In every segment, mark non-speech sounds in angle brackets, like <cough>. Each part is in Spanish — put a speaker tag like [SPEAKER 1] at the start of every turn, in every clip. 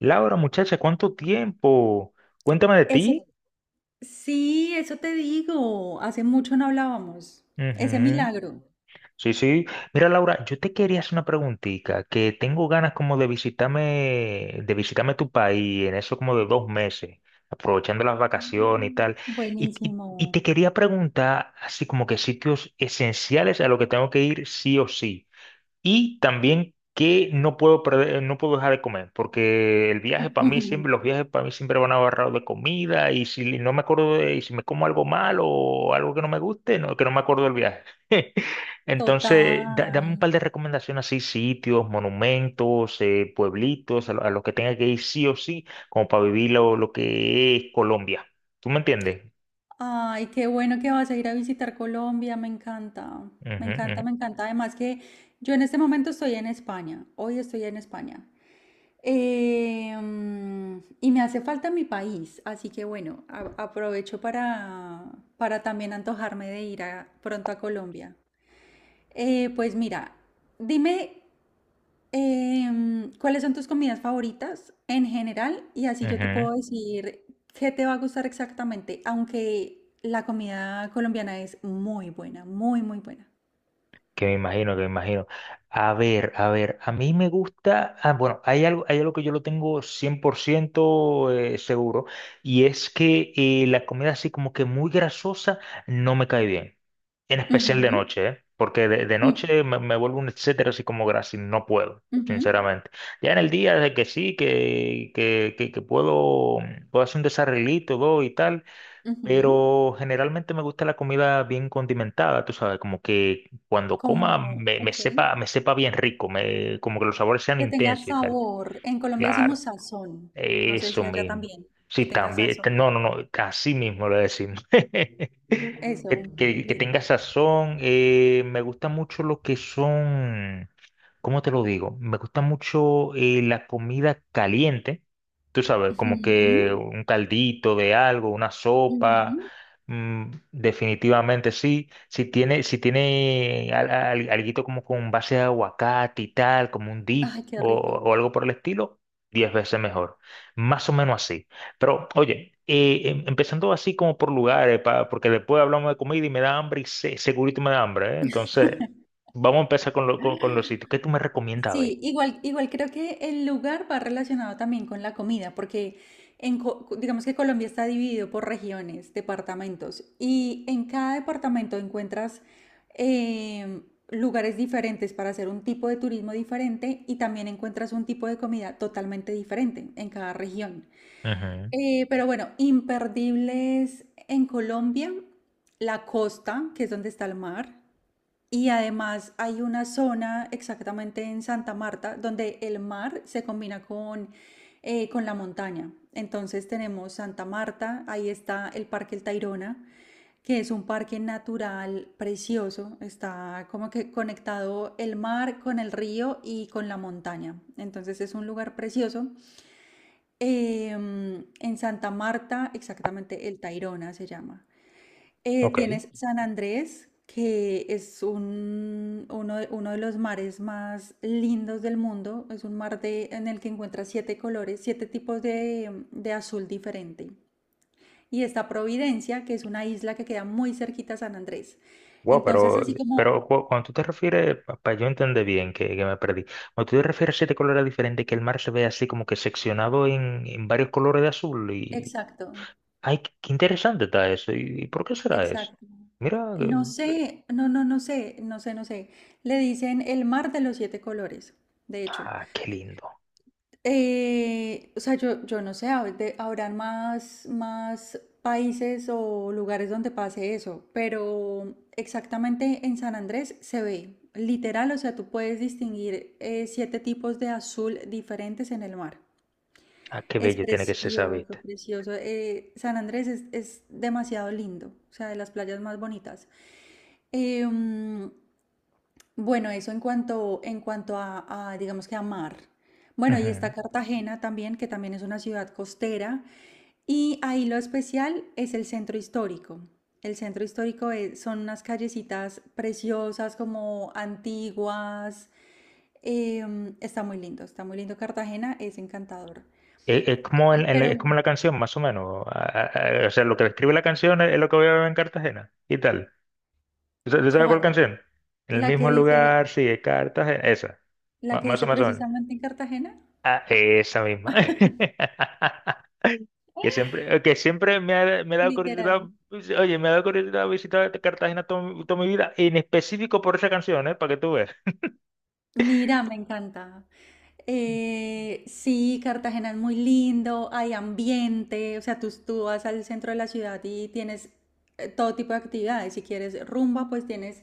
[SPEAKER 1] Laura, muchacha, ¿cuánto tiempo? Cuéntame de
[SPEAKER 2] Eso,
[SPEAKER 1] ti.
[SPEAKER 2] sí, eso te digo. Hace mucho no hablábamos. Ese
[SPEAKER 1] Ujú.
[SPEAKER 2] milagro.
[SPEAKER 1] Sí, sí. Mira, Laura, yo te quería hacer una preguntita, que tengo ganas como de visitarme tu país en eso como de dos meses, aprovechando las vacaciones y tal. Y te
[SPEAKER 2] Buenísimo.
[SPEAKER 1] quería preguntar así como que sitios esenciales a los que tengo que ir sí o sí. Y también que no puedo perder, no puedo dejar de comer, porque el viaje para mí siempre, los
[SPEAKER 2] <laughs>
[SPEAKER 1] viajes para mí siempre van agarrados de comida y si no me acuerdo de, y si me como algo malo o algo que no me guste, no, que no me acuerdo del viaje. <laughs> Entonces, dame un
[SPEAKER 2] Total.
[SPEAKER 1] par de recomendaciones así, sitios, monumentos, pueblitos, a los que tenga que ir sí o sí, como para vivir lo que es Colombia. ¿Tú me entiendes?
[SPEAKER 2] Ay, qué bueno que vas a ir a visitar Colombia. Me encanta. Me encanta,
[SPEAKER 1] Ujú,
[SPEAKER 2] me encanta. Además que yo en este momento estoy en España. Hoy estoy en España. Y me hace falta mi país. Así que bueno, aprovecho para también antojarme de pronto a Colombia. Pues mira, dime cuáles son tus comidas favoritas en general y así yo te puedo
[SPEAKER 1] ujú.
[SPEAKER 2] decir qué te va a gustar exactamente, aunque la comida colombiana es muy buena, muy buena.
[SPEAKER 1] Que me imagino, que me imagino. A ver, a ver, a mí me gusta, ah, bueno, hay algo que yo lo tengo 100% seguro, y es que la comida así como que muy grasosa no me cae bien, en especial de
[SPEAKER 2] Ujú.
[SPEAKER 1] noche, ¿eh? Porque de
[SPEAKER 2] Mm.
[SPEAKER 1] noche me vuelvo un etcétera así como grasa y no puedo,
[SPEAKER 2] Ujú,
[SPEAKER 1] sinceramente. Ya en el día de que sí, que puedo, puedo hacer un desarreglito, todo y tal,
[SPEAKER 2] ujú.
[SPEAKER 1] pero generalmente me gusta la comida bien condimentada, tú sabes, como que cuando coma
[SPEAKER 2] Como, ok,
[SPEAKER 1] me sepa bien rico, me, como que los sabores sean
[SPEAKER 2] que tenga
[SPEAKER 1] intensos y tal.
[SPEAKER 2] sabor. En Colombia
[SPEAKER 1] Claro.
[SPEAKER 2] decimos sazón, no sé
[SPEAKER 1] Eso
[SPEAKER 2] si allá
[SPEAKER 1] mismo.
[SPEAKER 2] también, que
[SPEAKER 1] Sí,
[SPEAKER 2] tenga
[SPEAKER 1] también.
[SPEAKER 2] sazón.
[SPEAKER 1] No, no, no. Así mismo lo decimos. <laughs>
[SPEAKER 2] Eso,
[SPEAKER 1] Que
[SPEAKER 2] lit.
[SPEAKER 1] tenga sazón. Eh, me gusta mucho lo que son. ¿Cómo te lo digo? Me gusta mucho la comida caliente. Tú sabes, como que
[SPEAKER 2] Ujú,
[SPEAKER 1] un caldito de algo, una sopa.
[SPEAKER 2] ujú.
[SPEAKER 1] Mm, definitivamente sí. Si tiene, si tiene alguito como con base de aguacate y tal, como un dip
[SPEAKER 2] Ay, qué rico.
[SPEAKER 1] o algo por el estilo. Diez veces mejor. Más o menos así. Pero, oye, empezando así como por lugares, porque después hablamos de comida y me da hambre y segurito me da hambre, ¿eh? Entonces,
[SPEAKER 2] <laughs>
[SPEAKER 1] vamos a empezar con, con los sitios. ¿Qué tú me recomiendas ver?
[SPEAKER 2] Sí, igual, igual creo que el lugar va relacionado también con la comida, porque digamos que Colombia está dividido por regiones, departamentos, y en cada departamento encuentras em, lugares diferentes para hacer un tipo de turismo diferente y también encuentras un tipo de comida totalmente diferente en cada región.
[SPEAKER 1] Ujú.
[SPEAKER 2] Pero bueno, imperdibles en Colombia, la costa, que es donde está el mar. Y además hay una zona exactamente en Santa Marta donde el mar se combina con la montaña. Entonces tenemos Santa Marta, ahí está el Parque El Tayrona, que es un parque natural precioso, está como que conectado el mar con el río y con la montaña. Entonces es un lugar precioso. En Santa Marta, exactamente El Tayrona se llama.
[SPEAKER 1] Ok.
[SPEAKER 2] Tienes San Andrés, que es un, uno de los mares más lindos del mundo. Es un en el que encuentras siete colores, siete tipos de azul diferente. Y está Providencia, que es una isla que queda muy cerquita a San Andrés.
[SPEAKER 1] Wow, pero,
[SPEAKER 2] Entonces, así como,
[SPEAKER 1] cuando tú te refieres, para yo entender bien que me perdí, cuando tú te refieres a siete colores diferentes, que el mar se ve así como que seccionado en varios colores de azul y...
[SPEAKER 2] exacto,
[SPEAKER 1] ¡Ay, qué qué interesante está eso! Y por qué será eso?
[SPEAKER 2] exacto.
[SPEAKER 1] Mira,
[SPEAKER 2] No sé, no sé, no sé. Le dicen el mar de los siete colores, de hecho.
[SPEAKER 1] ah, qué lindo.
[SPEAKER 2] O sea, yo no sé, habrán más países o lugares donde pase eso, pero exactamente en San Andrés se ve, literal, o sea, tú puedes distinguir siete tipos de azul diferentes en el mar.
[SPEAKER 1] Ah, qué
[SPEAKER 2] Es
[SPEAKER 1] bello tiene que ser esa
[SPEAKER 2] precioso,
[SPEAKER 1] vista.
[SPEAKER 2] precioso. San Andrés es demasiado lindo, o sea, de las playas más bonitas. Em, bueno, eso en cuanto a, digamos que a mar. Bueno, y está
[SPEAKER 1] Ujú.
[SPEAKER 2] Cartagena también, que también es una ciudad costera. Y ahí lo especial es el centro histórico. El centro histórico son unas callecitas preciosas, como antiguas. Está muy lindo, está muy lindo. Cartagena es encantador.
[SPEAKER 1] Es como
[SPEAKER 2] Pero,
[SPEAKER 1] es como la canción, más o menos. Ah, ah, ah, o sea, lo que describe la canción es lo que voy a ver en Cartagena y tal. ¿Tú tú sabes cuál
[SPEAKER 2] ¿cuál?
[SPEAKER 1] canción? En el
[SPEAKER 2] ¿La que
[SPEAKER 1] mismo
[SPEAKER 2] dice,
[SPEAKER 1] lugar, sigue Cartagena. Esa.
[SPEAKER 2] la que
[SPEAKER 1] Más o
[SPEAKER 2] dice
[SPEAKER 1] más o menos.
[SPEAKER 2] precisamente en Cartagena?
[SPEAKER 1] Ah, esa misma. <laughs> Que siempre me ha dado
[SPEAKER 2] Literal.
[SPEAKER 1] curiosidad, oye, me ha dado curiosidad visitar Cartagena toda, mi vida, en específico por esa canción, ¿eh? Para que tú veas.
[SPEAKER 2] Mira, me encanta. Sí, Cartagena es muy lindo, hay ambiente, o sea, tú vas al centro de la ciudad y tienes todo tipo de actividades. Si quieres rumba, pues tienes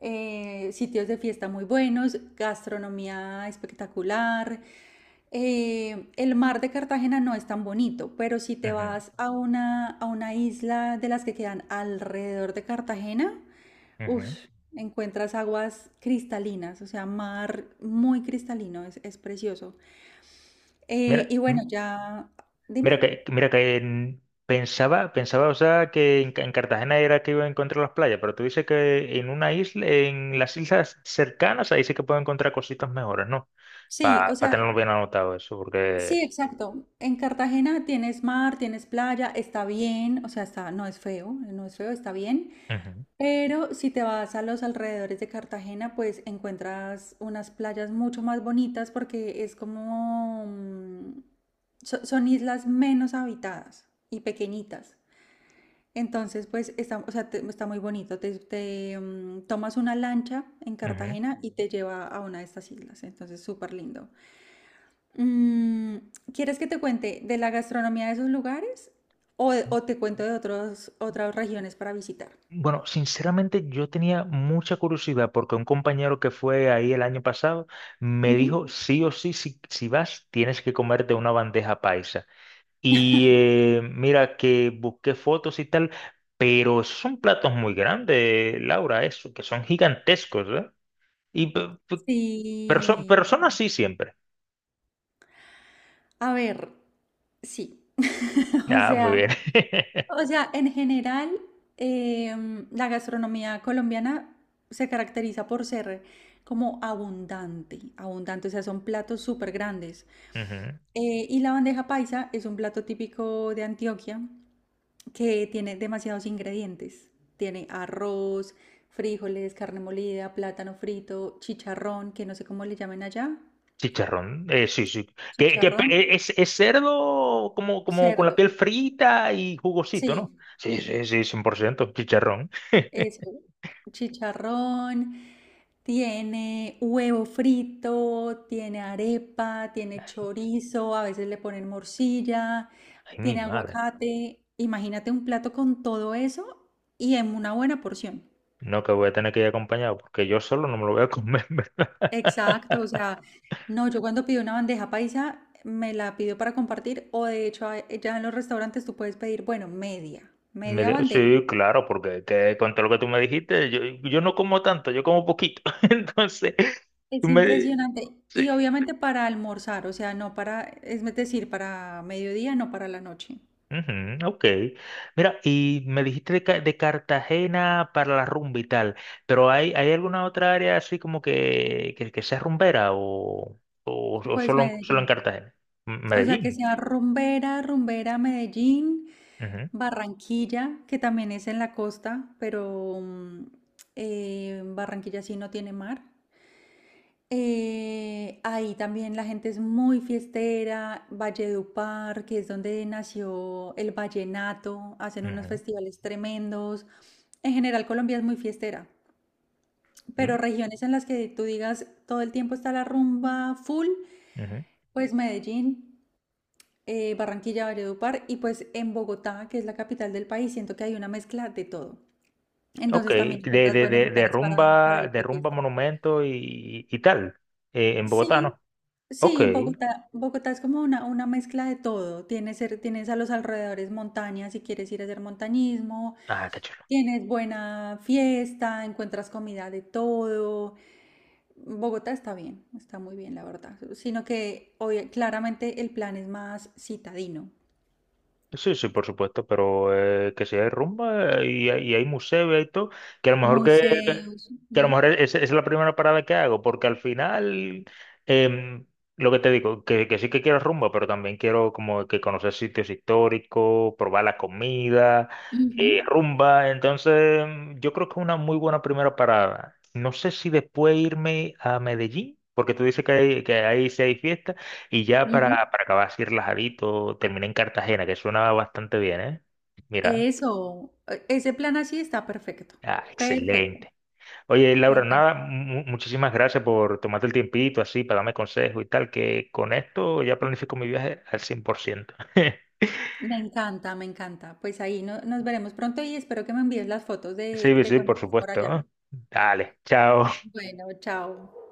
[SPEAKER 2] sitios de fiesta muy buenos, gastronomía espectacular. El mar de Cartagena no es tan bonito, pero si te
[SPEAKER 1] Ujú,
[SPEAKER 2] vas a una isla de las que quedan alrededor de Cartagena,
[SPEAKER 1] ujú.
[SPEAKER 2] Ush, encuentras aguas cristalinas, o sea, mar muy cristalino, es precioso. Eh,
[SPEAKER 1] Mira,
[SPEAKER 2] y bueno, ya,
[SPEAKER 1] mira
[SPEAKER 2] dime.
[SPEAKER 1] que, mira que pensaba, pensaba, o sea, que en, en Cartagena era que iba a encontrar las playas, pero tú dices que en una isla, en las islas cercanas, ahí sí que puedo encontrar cositas mejores, ¿no?
[SPEAKER 2] Sí,
[SPEAKER 1] Para
[SPEAKER 2] o sea,
[SPEAKER 1] tenerlo bien anotado eso, porque...
[SPEAKER 2] sí, exacto. En Cartagena tienes mar, tienes playa, está bien, o sea, está, no es feo, no es feo, está bien.
[SPEAKER 1] Ujú,
[SPEAKER 2] Pero si te vas a los alrededores de Cartagena, pues encuentras unas playas mucho más bonitas porque es como, mm, son islas menos habitadas y pequeñitas. Entonces, pues, está, o sea, está muy bonito. Tomas una lancha en
[SPEAKER 1] ujú.
[SPEAKER 2] Cartagena y te lleva a una de estas islas. Entonces, súper lindo. Mm, ¿quieres que te cuente de la gastronomía de esos lugares o te cuento de otros, otras regiones para visitar?
[SPEAKER 1] Bueno, sinceramente yo tenía mucha curiosidad porque un compañero que fue ahí el año pasado me
[SPEAKER 2] Ujú.
[SPEAKER 1] dijo, sí o sí, si vas, tienes que comerte una bandeja paisa. Y mira que busqué fotos y tal, pero esos son platos muy grandes, Laura, eso, que son gigantescos, ¿eh? Y
[SPEAKER 2] Sí.
[SPEAKER 1] personas sí siempre.
[SPEAKER 2] A ver, sí. <laughs> O
[SPEAKER 1] Ah, muy
[SPEAKER 2] sea,
[SPEAKER 1] bien. <laughs>
[SPEAKER 2] O sea, en general, la gastronomía colombiana se caracteriza por ser como abundante, abundante, o sea, son platos súper grandes.
[SPEAKER 1] Ujú.
[SPEAKER 2] Y la bandeja paisa es un plato típico de Antioquia que tiene demasiados ingredientes. Tiene arroz, frijoles, carne molida, plátano frito, chicharrón, que no sé cómo le llamen allá.
[SPEAKER 1] Chicharrón, sí, sí. Que,
[SPEAKER 2] Chicharrón,
[SPEAKER 1] es cerdo como, como con la
[SPEAKER 2] cerdo.
[SPEAKER 1] piel frita y jugosito, ¿no?
[SPEAKER 2] Sí,
[SPEAKER 1] Sí, sí, sí, 100% chicharrón.
[SPEAKER 2] eso, chicharrón, tiene huevo frito, tiene arepa, tiene chorizo, a veces le ponen morcilla,
[SPEAKER 1] Ay, mi
[SPEAKER 2] tiene
[SPEAKER 1] madre.
[SPEAKER 2] aguacate. Imagínate un plato con todo eso y en una buena porción.
[SPEAKER 1] No, que voy a tener que ir acompañado porque yo solo no me lo voy a <laughs> comer.
[SPEAKER 2] Exacto, o sea, no, yo cuando pido una bandeja paisa me la pido para compartir o de hecho ya en los restaurantes tú puedes pedir, bueno, media bandeja.
[SPEAKER 1] Sí, claro, porque que con todo lo que tú me dijiste, yo no como tanto, yo como poquito. <laughs> Entonces, tú
[SPEAKER 2] Es
[SPEAKER 1] me...
[SPEAKER 2] impresionante. Y
[SPEAKER 1] Sí.
[SPEAKER 2] obviamente para almorzar, o sea, no para, es decir, para mediodía, no para la noche.
[SPEAKER 1] Ujú, ok. Mira, y me dijiste de, de Cartagena para la rumba y tal, pero ¿hay, hay alguna otra área así como que sea rumbera o
[SPEAKER 2] Pues
[SPEAKER 1] solo, solo en
[SPEAKER 2] Medellín.
[SPEAKER 1] Cartagena?
[SPEAKER 2] O sea, que
[SPEAKER 1] Medellín.
[SPEAKER 2] sea rumbera, rumbera, Medellín,
[SPEAKER 1] Ujú,
[SPEAKER 2] Barranquilla, que también es en la costa, pero mm, Barranquilla sí no tiene mar. Ahí también la gente es muy fiestera, Valledupar, que es donde nació el vallenato, hacen unos
[SPEAKER 1] ujú,
[SPEAKER 2] festivales tremendos. En general, Colombia es muy fiestera. Pero regiones en las que tú digas todo el tiempo está la rumba full,
[SPEAKER 1] mm, ujú.
[SPEAKER 2] pues Medellín, Barranquilla, Valledupar y pues en Bogotá, que es la capital del país, siento que hay una mezcla de todo.
[SPEAKER 1] Ok,
[SPEAKER 2] Entonces también encuentras buenos lugares para ir
[SPEAKER 1] de
[SPEAKER 2] de
[SPEAKER 1] rumba
[SPEAKER 2] fiesta.
[SPEAKER 1] monumento y tal, en Bogotá,
[SPEAKER 2] Sí,
[SPEAKER 1] ¿no? Ok.
[SPEAKER 2] sí, Bogotá, Bogotá es como una mezcla de todo. Tienes, tienes a los alrededores montañas si quieres ir a hacer montañismo,
[SPEAKER 1] Ah, qué chulo.
[SPEAKER 2] tienes buena fiesta, encuentras comida de todo. Bogotá está bien, está muy bien, la verdad. Sino que hoy claramente el plan es más citadino.
[SPEAKER 1] Sí, sí, por supuesto, pero que si hay rumba y hay museo y hay todo, que a lo mejor
[SPEAKER 2] Museos.
[SPEAKER 1] que a lo
[SPEAKER 2] Ujú,
[SPEAKER 1] mejor es la primera parada que hago, porque al final, em, lo que te digo, que sí que quiero rumba, pero también quiero como que conocer sitios históricos, probar la comida,
[SPEAKER 2] ujú,
[SPEAKER 1] rumba, entonces mm, yo creo que es una muy buena primera parada. No sé si después irme a Medellín, porque tú dices que, que ahí sí hay fiesta. Y ya
[SPEAKER 2] ujú.
[SPEAKER 1] para acabar así relajadito, terminé en Cartagena, que suena bastante bien, ¿eh? Mira,
[SPEAKER 2] Eso, ese plan así está perfecto.
[SPEAKER 1] ah,
[SPEAKER 2] Perfecto.
[SPEAKER 1] excelente. Oye,
[SPEAKER 2] Me
[SPEAKER 1] Laura,
[SPEAKER 2] encanta.
[SPEAKER 1] nada, muchísimas gracias por tomarte el tiempito así para darme consejos y tal, que con esto ya planifico mi viaje al cien por ciento. <laughs>
[SPEAKER 2] Me encanta, me encanta. Pues ahí nos veremos pronto y espero que me envíes las fotos
[SPEAKER 1] Sí,
[SPEAKER 2] de
[SPEAKER 1] sí,
[SPEAKER 2] cuando
[SPEAKER 1] por
[SPEAKER 2] estés por
[SPEAKER 1] supuesto.
[SPEAKER 2] allá.
[SPEAKER 1] ¿No? Dale, chao.
[SPEAKER 2] Bueno, chao.